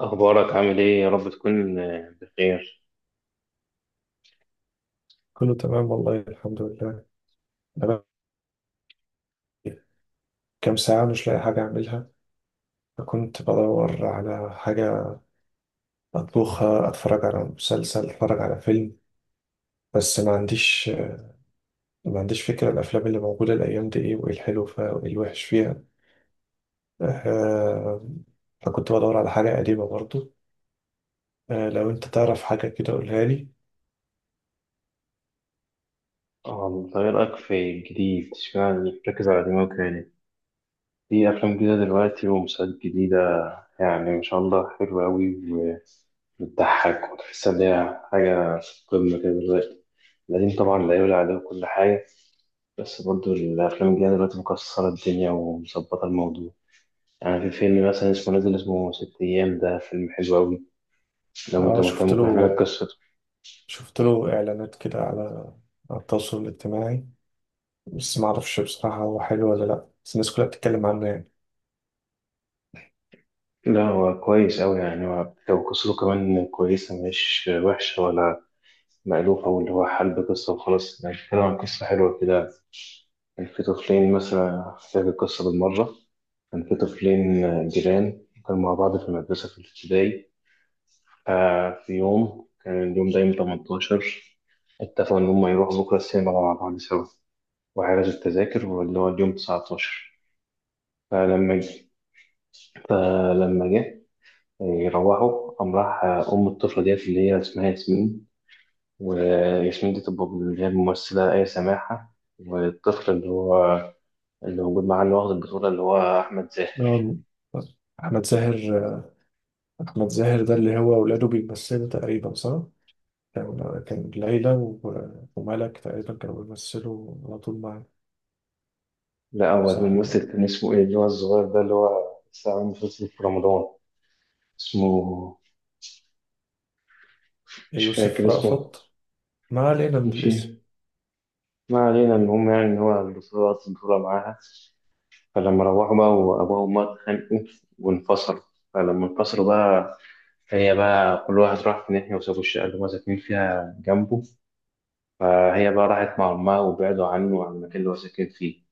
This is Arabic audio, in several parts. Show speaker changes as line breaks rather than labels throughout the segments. أخبارك عامل إيه؟ يا رب تكون بخير.
كله تمام والله الحمد لله. أنا كام ساعة مش لاقي حاجة أعملها، فكنت بدور على حاجة أطبخها، أتفرج على مسلسل، أتفرج على فيلم، بس ما عنديش فكرة الأفلام اللي موجودة الأيام دي إيه، وإيه الحلو فيها وإيه الوحش فيها. آه، فكنت بدور على حاجة قديمة برضو. لو أنت تعرف حاجة كده قولها لي.
أنت إيه رأيك في الجديد؟ اشمعنى بتركز على الأنمي والكوري؟ في أفلام جديدة دلوقتي ومسلسلات جديدة، يعني ما شاء الله حلوة أوي وبتضحك وتحس إن هي حاجة في قمة كده دلوقتي. القديم طبعا لا يعلى عليه كل حاجة، بس برضه الأفلام الجديدة دلوقتي مكسرة الدنيا ومظبطة الموضوع. يعني في فيلم مثلا اسمه نازل، اسمه ست أيام، ده فيلم حلو أوي. لو أنت
أه،
مهتم
شفت
ممكن أحكي لك
له
قصته.
شفت له إعلانات كده على التواصل الاجتماعي، بس ما أعرفش بصراحة هو حلو ولا لأ، بس الناس كلها بتتكلم عنه يعني.
لا هو كويس أوي، يعني هو لو قصته كمان كويسة مش وحشة ولا مألوفة، واللي هو حلب قصة وخلاص، يعني بيتكلم عن قصة حلوة كده. كان في طفلين، مثلا أحكي لك القصة بالمرة. كان في طفلين جيران، كانوا مع بعض في المدرسة في الابتدائي. في يوم كان اليوم ده يوم 18، اتفقوا إن هما يروحوا بكرة السينما مع بعض سوا، وحجزوا التذاكر، واللي هو اليوم 19. فلما جه فلما جه يروحوا، قام راح أم الطفلة ديت اللي هي اسمها ياسمين. وياسمين دي تبقى اللي هي الممثلة آية سماحة. والطفل اللي هو اللي موجود معاه اللي واخد البطولة اللي هو أحمد زاهر.
آه، أحمد زاهر. أحمد زاهر ده اللي هو ولاده بيمثلوا تقريبا، صح؟ كان ليلى وملك تقريبا كانوا بيمثلوا على طول مع...
لا هو
صح،
الممثل كان اسمه إيه اللي هو الصغير ده اللي هو لسه عامل مسلسل في رمضان. اسمه مش فاكر
يوسف
اسمه.
رأفت. ما علينا من
ماشي،
الاسم.
ما علينا. المهم يعني إن هو البطولة، واخد البطولة معاها. فلما روحوا بقى، وأبوه وأمه اتخانقوا وانفصلوا. فلما انفصلوا بقى، هي بقى كل واحد راح في ناحية، وسابوا الشقة اللي هما ساكنين فيها جنبه. فهي بقى راحت مع أمها وبعدوا عنه وعن المكان اللي هو ساكن فيه.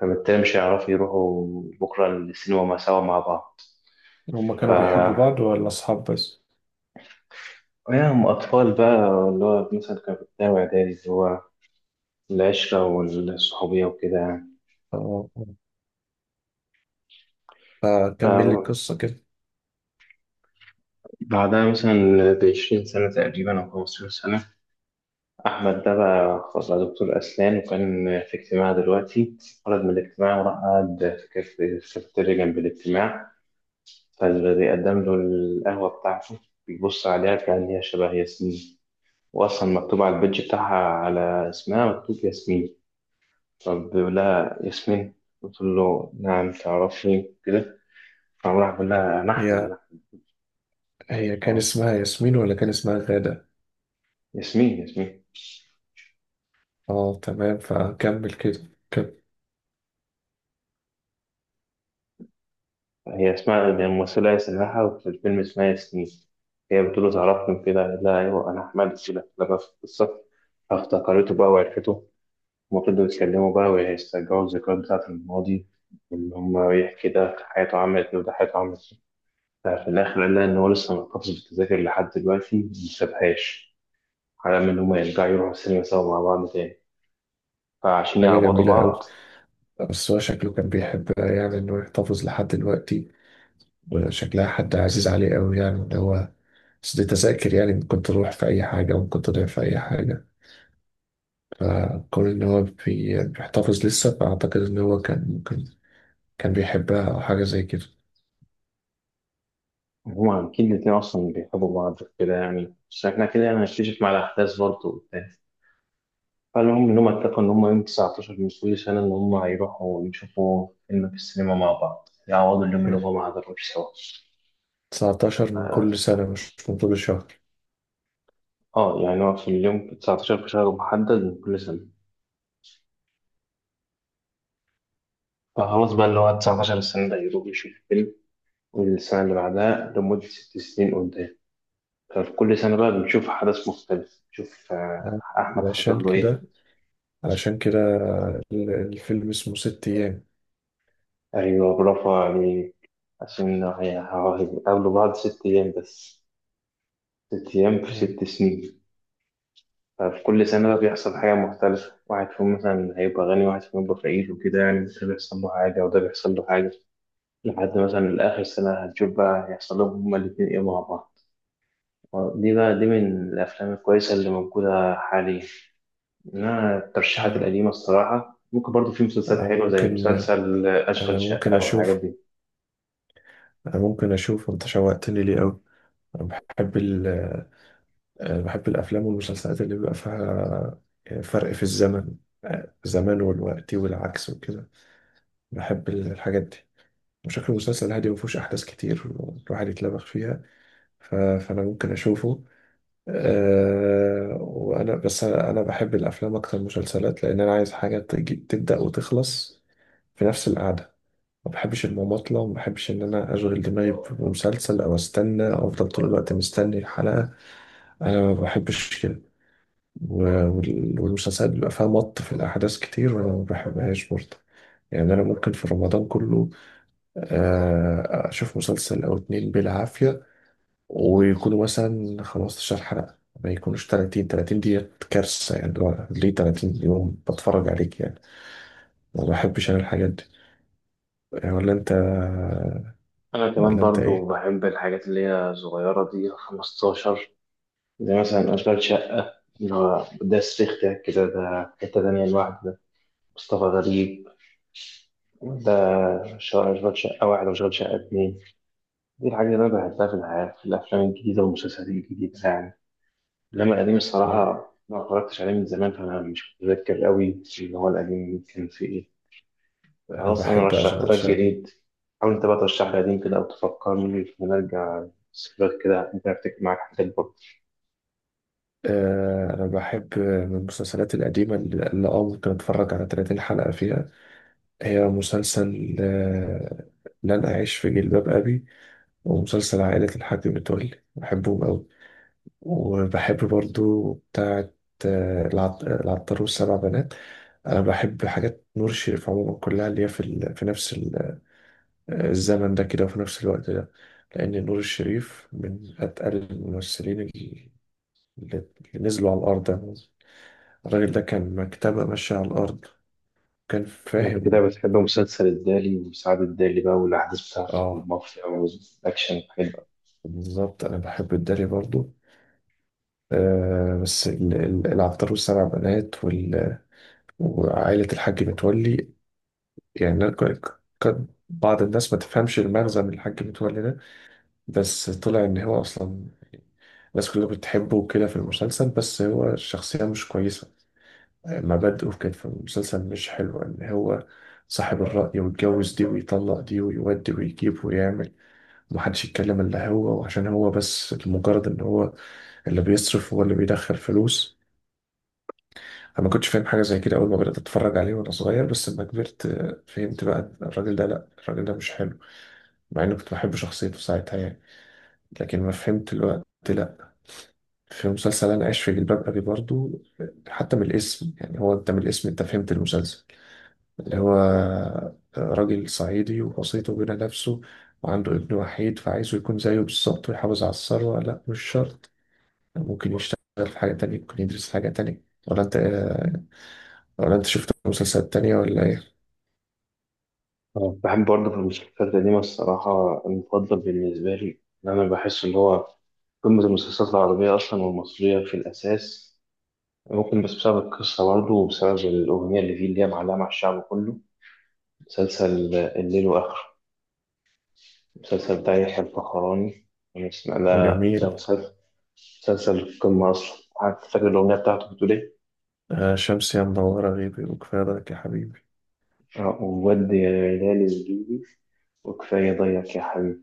فبالتالي مش هيعرفوا يروحوا بكرة السينما سوا مع بعض.
هما كانوا بيحبوا
ف
بعض ولا أصحاب بس؟
هم أطفال بقى، اللي هو مثلا كانوا في ابتدائي وإعدادي، اللي هو العشرة والصحوبية وكده يعني.
آه، فكمل لي
فبعدها
القصة كده.
مثلا بعشرين سنة تقريبا أو خمستاشر سنة، أحمد ده بقى خلاص بقى دكتور أسنان، وكان في اجتماع دلوقتي. خرج من الاجتماع وراح قعد في في الكافيتيريا جنب الاجتماع. فبيقدم له القهوة بتاعته، بيبص عليها كأن هي شبه ياسمين، وأصلا مكتوب على البيدج بتاعها على اسمها مكتوب ياسمين. فبيقول لها ياسمين، قلت له نعم تعرفني كده. فراح بيقول لها أنا أحمد
هي
أنا أحمد.
هي كان
أه،
اسمها ياسمين ولا كان اسمها غادة؟
ياسمين ياسمين.
اه تمام، فكمل كده كانت...
هي اسمها يعني الممثلة هي سماحة، وفي الفيلم اسمها ياسمين. هي بتقول له تعرفني كده، قال لها أيوه أنا أحمد كده لما في القصة. فافتكرته بقى وعرفته. هما فضلوا يتكلموا بقى ويسترجعوا الذكريات بتاعة الماضي، وإن هما يحكي ده حياته عملت إيه وده حياته عملت إيه. ففي الآخر قال لها إن هو لسه محتفظ بالتذاكر لحد دلوقتي مسابهاش، على أمل إن هما يرجعوا يروحوا السينما سوا مع بعض تاني، فعشان
حاجة
يعوضوا
جميلة
بعض.
أوي، بس هو شكله كان بيحبها يعني، إنه يحتفظ لحد دلوقتي وشكلها حد عزيز عليه قوي يعني اللي هو. بس دي تذاكر يعني، ممكن تروح في أي حاجة وممكن تضيع في أي حاجة، فكون إن هو بيحتفظ لسه فأعتقد إن هو كان ممكن كان بيحبها أو حاجة زي كده.
هما أكيد الاتنين أصلا بيحبوا بعض كده يعني، بس إحنا كده يعني هنكتشف مع الأحداث برضه وبتاع. فالمهم إن هما اتفقوا إن هما يوم 19 من كل سنة إن هما هيروحوا يشوفوا فيلم في السينما مع بعض، يعوضوا اليوم اللي
يعني
هما ما حضروش سوا.
19 من كل سنة مش من طول الشهر؟
اه يعني هو في اليوم 19 في شهر محدد من كل سنة. فخلاص بقى اللي هو 19 السنة ده يروح يشوف فيلم، والسنة اللي بعدها، لمدة ست سنين قدام. ففي كل سنة بقى بنشوف حدث مختلف، نشوف
آه.
أحمد
عشان
حصل له إيه.
كده، علشان كده الفيلم اسمه ست أيام.
أيوة برافو عليه. عشان هو هيقابلوا بعض ست أيام بس، ست أيام في
آه.
ست سنين. ففي كل سنة بقى بيحصل حاجة مختلفة، واحد فيهم مثلا هيبقى غني، واحد فيهم هيبقى فقير، وكده يعني، ده بيحصل له حاجة وده بيحصل له حاجة. لحد مثلا آخر سنة هتشوف بقى هيحصل لهم هما الاتنين إيه مع بعض. دي بقى، دي من الأفلام الكويسة اللي موجودة حاليا. إنما الترشيحات
آه.
القديمة الصراحة، ممكن برضو في مسلسلات
أنا
حلوة زي
ممكن
مسلسل
أنا
أشغال
ممكن
شقة والحاجات
أشوف
دي.
أنا ممكن أشوف. أنت شوقتني ليه أوي. أنا بحب ال بحب الأفلام والمسلسلات اللي بيبقى فيها فرق في الزمن، زمان والوقت والعكس وكده. بحب الحاجات دي. وشكل المسلسل هادي مفهوش أحداث كتير، الواحد يتلبخ فيها. فأنا ممكن أشوفه. أه، وأنا بس، أنا بحب الأفلام أكتر من المسلسلات، لأن أنا عايز حاجة تجي تبدأ وتخلص في نفس القعدة. ما بحبش المماطلة وما بحبش إن أنا أشغل دماغي بمسلسل أو أستنى أو أفضل طول الوقت مستني الحلقة. أنا ما بحبش كده. والمسلسلات بيبقى فيها مط في الأحداث كتير وأنا ما بحبهاش برضه. يعني أنا ممكن في رمضان كله أشوف مسلسل أو اتنين بالعافية، ويكونوا مثلا 15 حلقة. ما يكونوش 30 دي كارثة، يعني اللي هو ليه 30 يوم بتفرج عليك يعني. ما بحبش أنا الحاجات دي. آه، ولا أنت
أنا كمان
ولا أنت
برضو
إيه؟
بحب الحاجات اللي هي صغيرة دي 15، زي مثلا أشغال شقة. اللي هو ده صريخ ده كده، ده حتة تانية لوحده ده، مصطفى غريب. ده شغال شقة واحد وشغال شقة اتنين. دي الحاجة اللي أنا بحبها في الحياة، في الأفلام الجديدة والمسلسلات الجديدة يعني. إنما القديم
أه،
الصراحة ما اتفرجتش عليه من زمان، فأنا مش متذكر قوي اللي هو القديم كان فيه إيه.
أنا
خلاص، أنا
بحب
رشحت
أشغل
لك
شقة.
جديد، حاول أنت بقى ترشح لي قديم كده أو تفكرني، ونرجع ذكريات كده، ممكن أفتكر معاك حاجات برضه.
أنا بحب من المسلسلات القديمة اللي أه ممكن أتفرج على 30 حلقة فيها. هي مسلسل لن أعيش في جلباب أبي، ومسلسل عائلة الحاج متولي، بحبهم أوي. وبحب برضو بتاعة العطار والسبع بنات. أنا بحب حاجات نور الشريف عموما كلها، اللي هي في في نفس الزمن ده كده وفي نفس الوقت ده. لأن نور الشريف من أتقل الممثلين اللي نزلوا على الأرض يعني. الراجل ده كان مكتبة ماشية على الأرض، كان
ما أنت كده
فاهم.
بتحب مسلسل الدالي وسعد الدالي بقى، والأحداث بتاعته
آه،
والمافيا والأكشن والحاجات.
بالظبط، أنا بحب الداري برضو. بس العطار والسبع بنات وعائلة الحاج متولي. يعني أنا كان بعض الناس ما تفهمش المغزى من الحاج متولي ده، بس طلع إن هو أصلا الناس كلها بتحبه وكده في المسلسل، بس هو الشخصية مش كويسة. مبادئه كانت في المسلسل مش حلوة، إن هو صاحب الرأي ويتجوز دي ويطلق دي ويودي ويجيب ويعمل، ومحدش يتكلم إلا هو، وعشان هو بس لمجرد إن هو اللي بيصرف هو اللي بيدخل فلوس. انا ما كنتش فاهم حاجه زي كده اول ما بدات اتفرج عليه وانا صغير، بس لما كبرت فهمت بقى إن الراجل ده، لا الراجل ده مش حلو، مع اني كنت بحب شخصيته ساعتها يعني. لكن ما فهمت الوقت لا. في مسلسل انا عايش في جلباب ابي برضو، حتى من الاسم، يعني هو انت من الاسم انت فهمت المسلسل. اللي هو راجل صعيدي ووسيطه بين نفسه، وعنده ابن وحيد فعايزه يكون زيه بالظبط ويحافظ على الثروه. لا مش شرط، ممكن يشتغل في حاجه تانية، ممكن يدرس حاجه تانية. ولا انت ولا انت شفت مسلسلات تانية ولا ايه؟
بحب برضه في المسلسلات القديمة الصراحة. المفضل بالنسبة لي، إن أنا بحس إن هو قمة المسلسلات العربية أصلا والمصرية في الأساس، ممكن بس بسبب القصة برضه وبسبب الأغنية اللي فيه اللي هي معلقة مع الشعب كله، مسلسل الليل وآخره، المسلسل بتاع يحيى الفخراني. أنا اسمع ده. ده
جميل.
مسلسل، مسلسل القمة أصلا. حتى فاكر الأغنية بتاعته بتقول إيه؟
آه، شمس يا منورة غيبي وكفاية لك يا حبيبي.
وودي يا هلال الليلي، وكفاية ضيق يا حبيبي،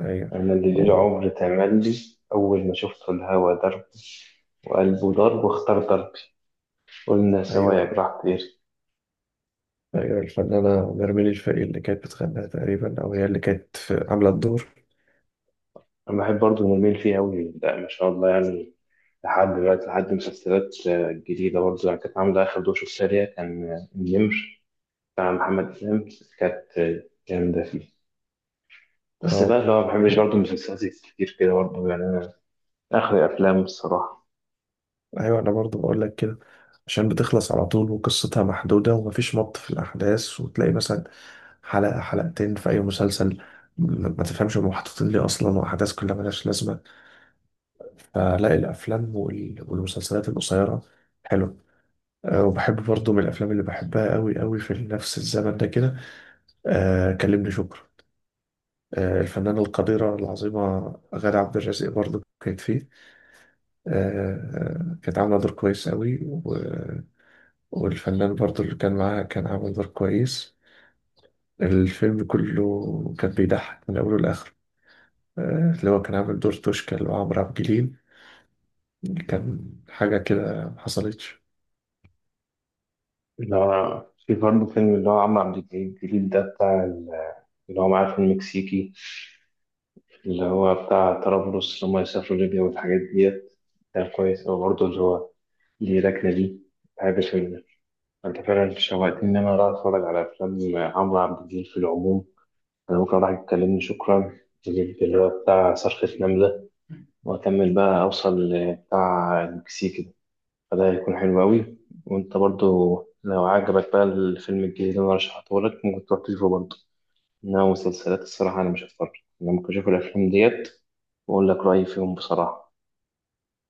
ايوه.
أنا اللي ليل
أوه.
عمر تملي، أول ما شفت الهوا ده، وقلبه ضرب واختار ضربي، قلنا سوا يا
ايوه.
جراح طير.
ايوه الفنانة نرمين الفقي اللي كانت بتغنيها تقريبا، او هي اللي كانت عاملة الدور.
أنا بحب برضه نميل فيه أوي، لا ما شاء الله يعني. لحد دلوقتي لحد مسلسلات جديدة برضه يعني، كانت عاملة آخر دوشة. السريع كان النمر بتاع محمد إمام، كانت جامدة فيه. بس بقى
اه.
اللي هو ما بحبش برضه المسلسلات كتير كده برضه يعني، أنا آخر أفلام الصراحة.
ايوه، انا برضو بقول لك كده، عشان بتخلص على طول وقصتها محدودة ومفيش مط في الاحداث. وتلاقي مثلا حلقة حلقتين في اي مسلسل ما تفهمش هم محطوطين ليه اصلا، واحداث كلها ملهاش لازمة. فلاقي الافلام والمسلسلات القصيرة حلو. وبحب برضو من الافلام اللي بحبها قوي قوي في نفس الزمن ده كده كلمني شكرا. الفنانة القديرة العظيمة غادة عبد الرازق برضو كانت فيه كانت عاملة دور كويس قوي والفنان برضو اللي كان معاها كان عامل دور كويس. الفيلم كله كان بيضحك من أوله لآخره. اللي هو كان عامل دور توشكا اللي هو عمرو عبد الجليل كان حاجة كده محصلتش.
اللي هو في برضه فيلم اللي هو عمرو عبد الجليل الجديد ده بتاع اللي هو معاه في المكسيكي، اللي هو بتاع طرابلس، اللي هم يسافروا ليبيا والحاجات ديت. كان كويس أوي برضه، اللي هو ليه ركنة دي، بحب الفيلم ده. أنت فعلا شوقتني إن أنا أروح أتفرج على أفلام عمرو عبد الجليل في العموم. أنا ممكن أروح أتكلمني شكرا، أجيب اللي هو بتاع صرخة نملة، وأكمل بقى أوصل لبتاع المكسيك ده، فده هيكون حلو أوي. وأنت برضه لو عجبك بقى الفيلم الجديد اللي أنا رشحته لك، ممكن تروح تشوفه برضه. إنما مسلسلات الصراحة أنا مش هتفرج، أنا ممكن أشوف الأفلام ديت، وأقول لك رأيي فيهم بصراحة.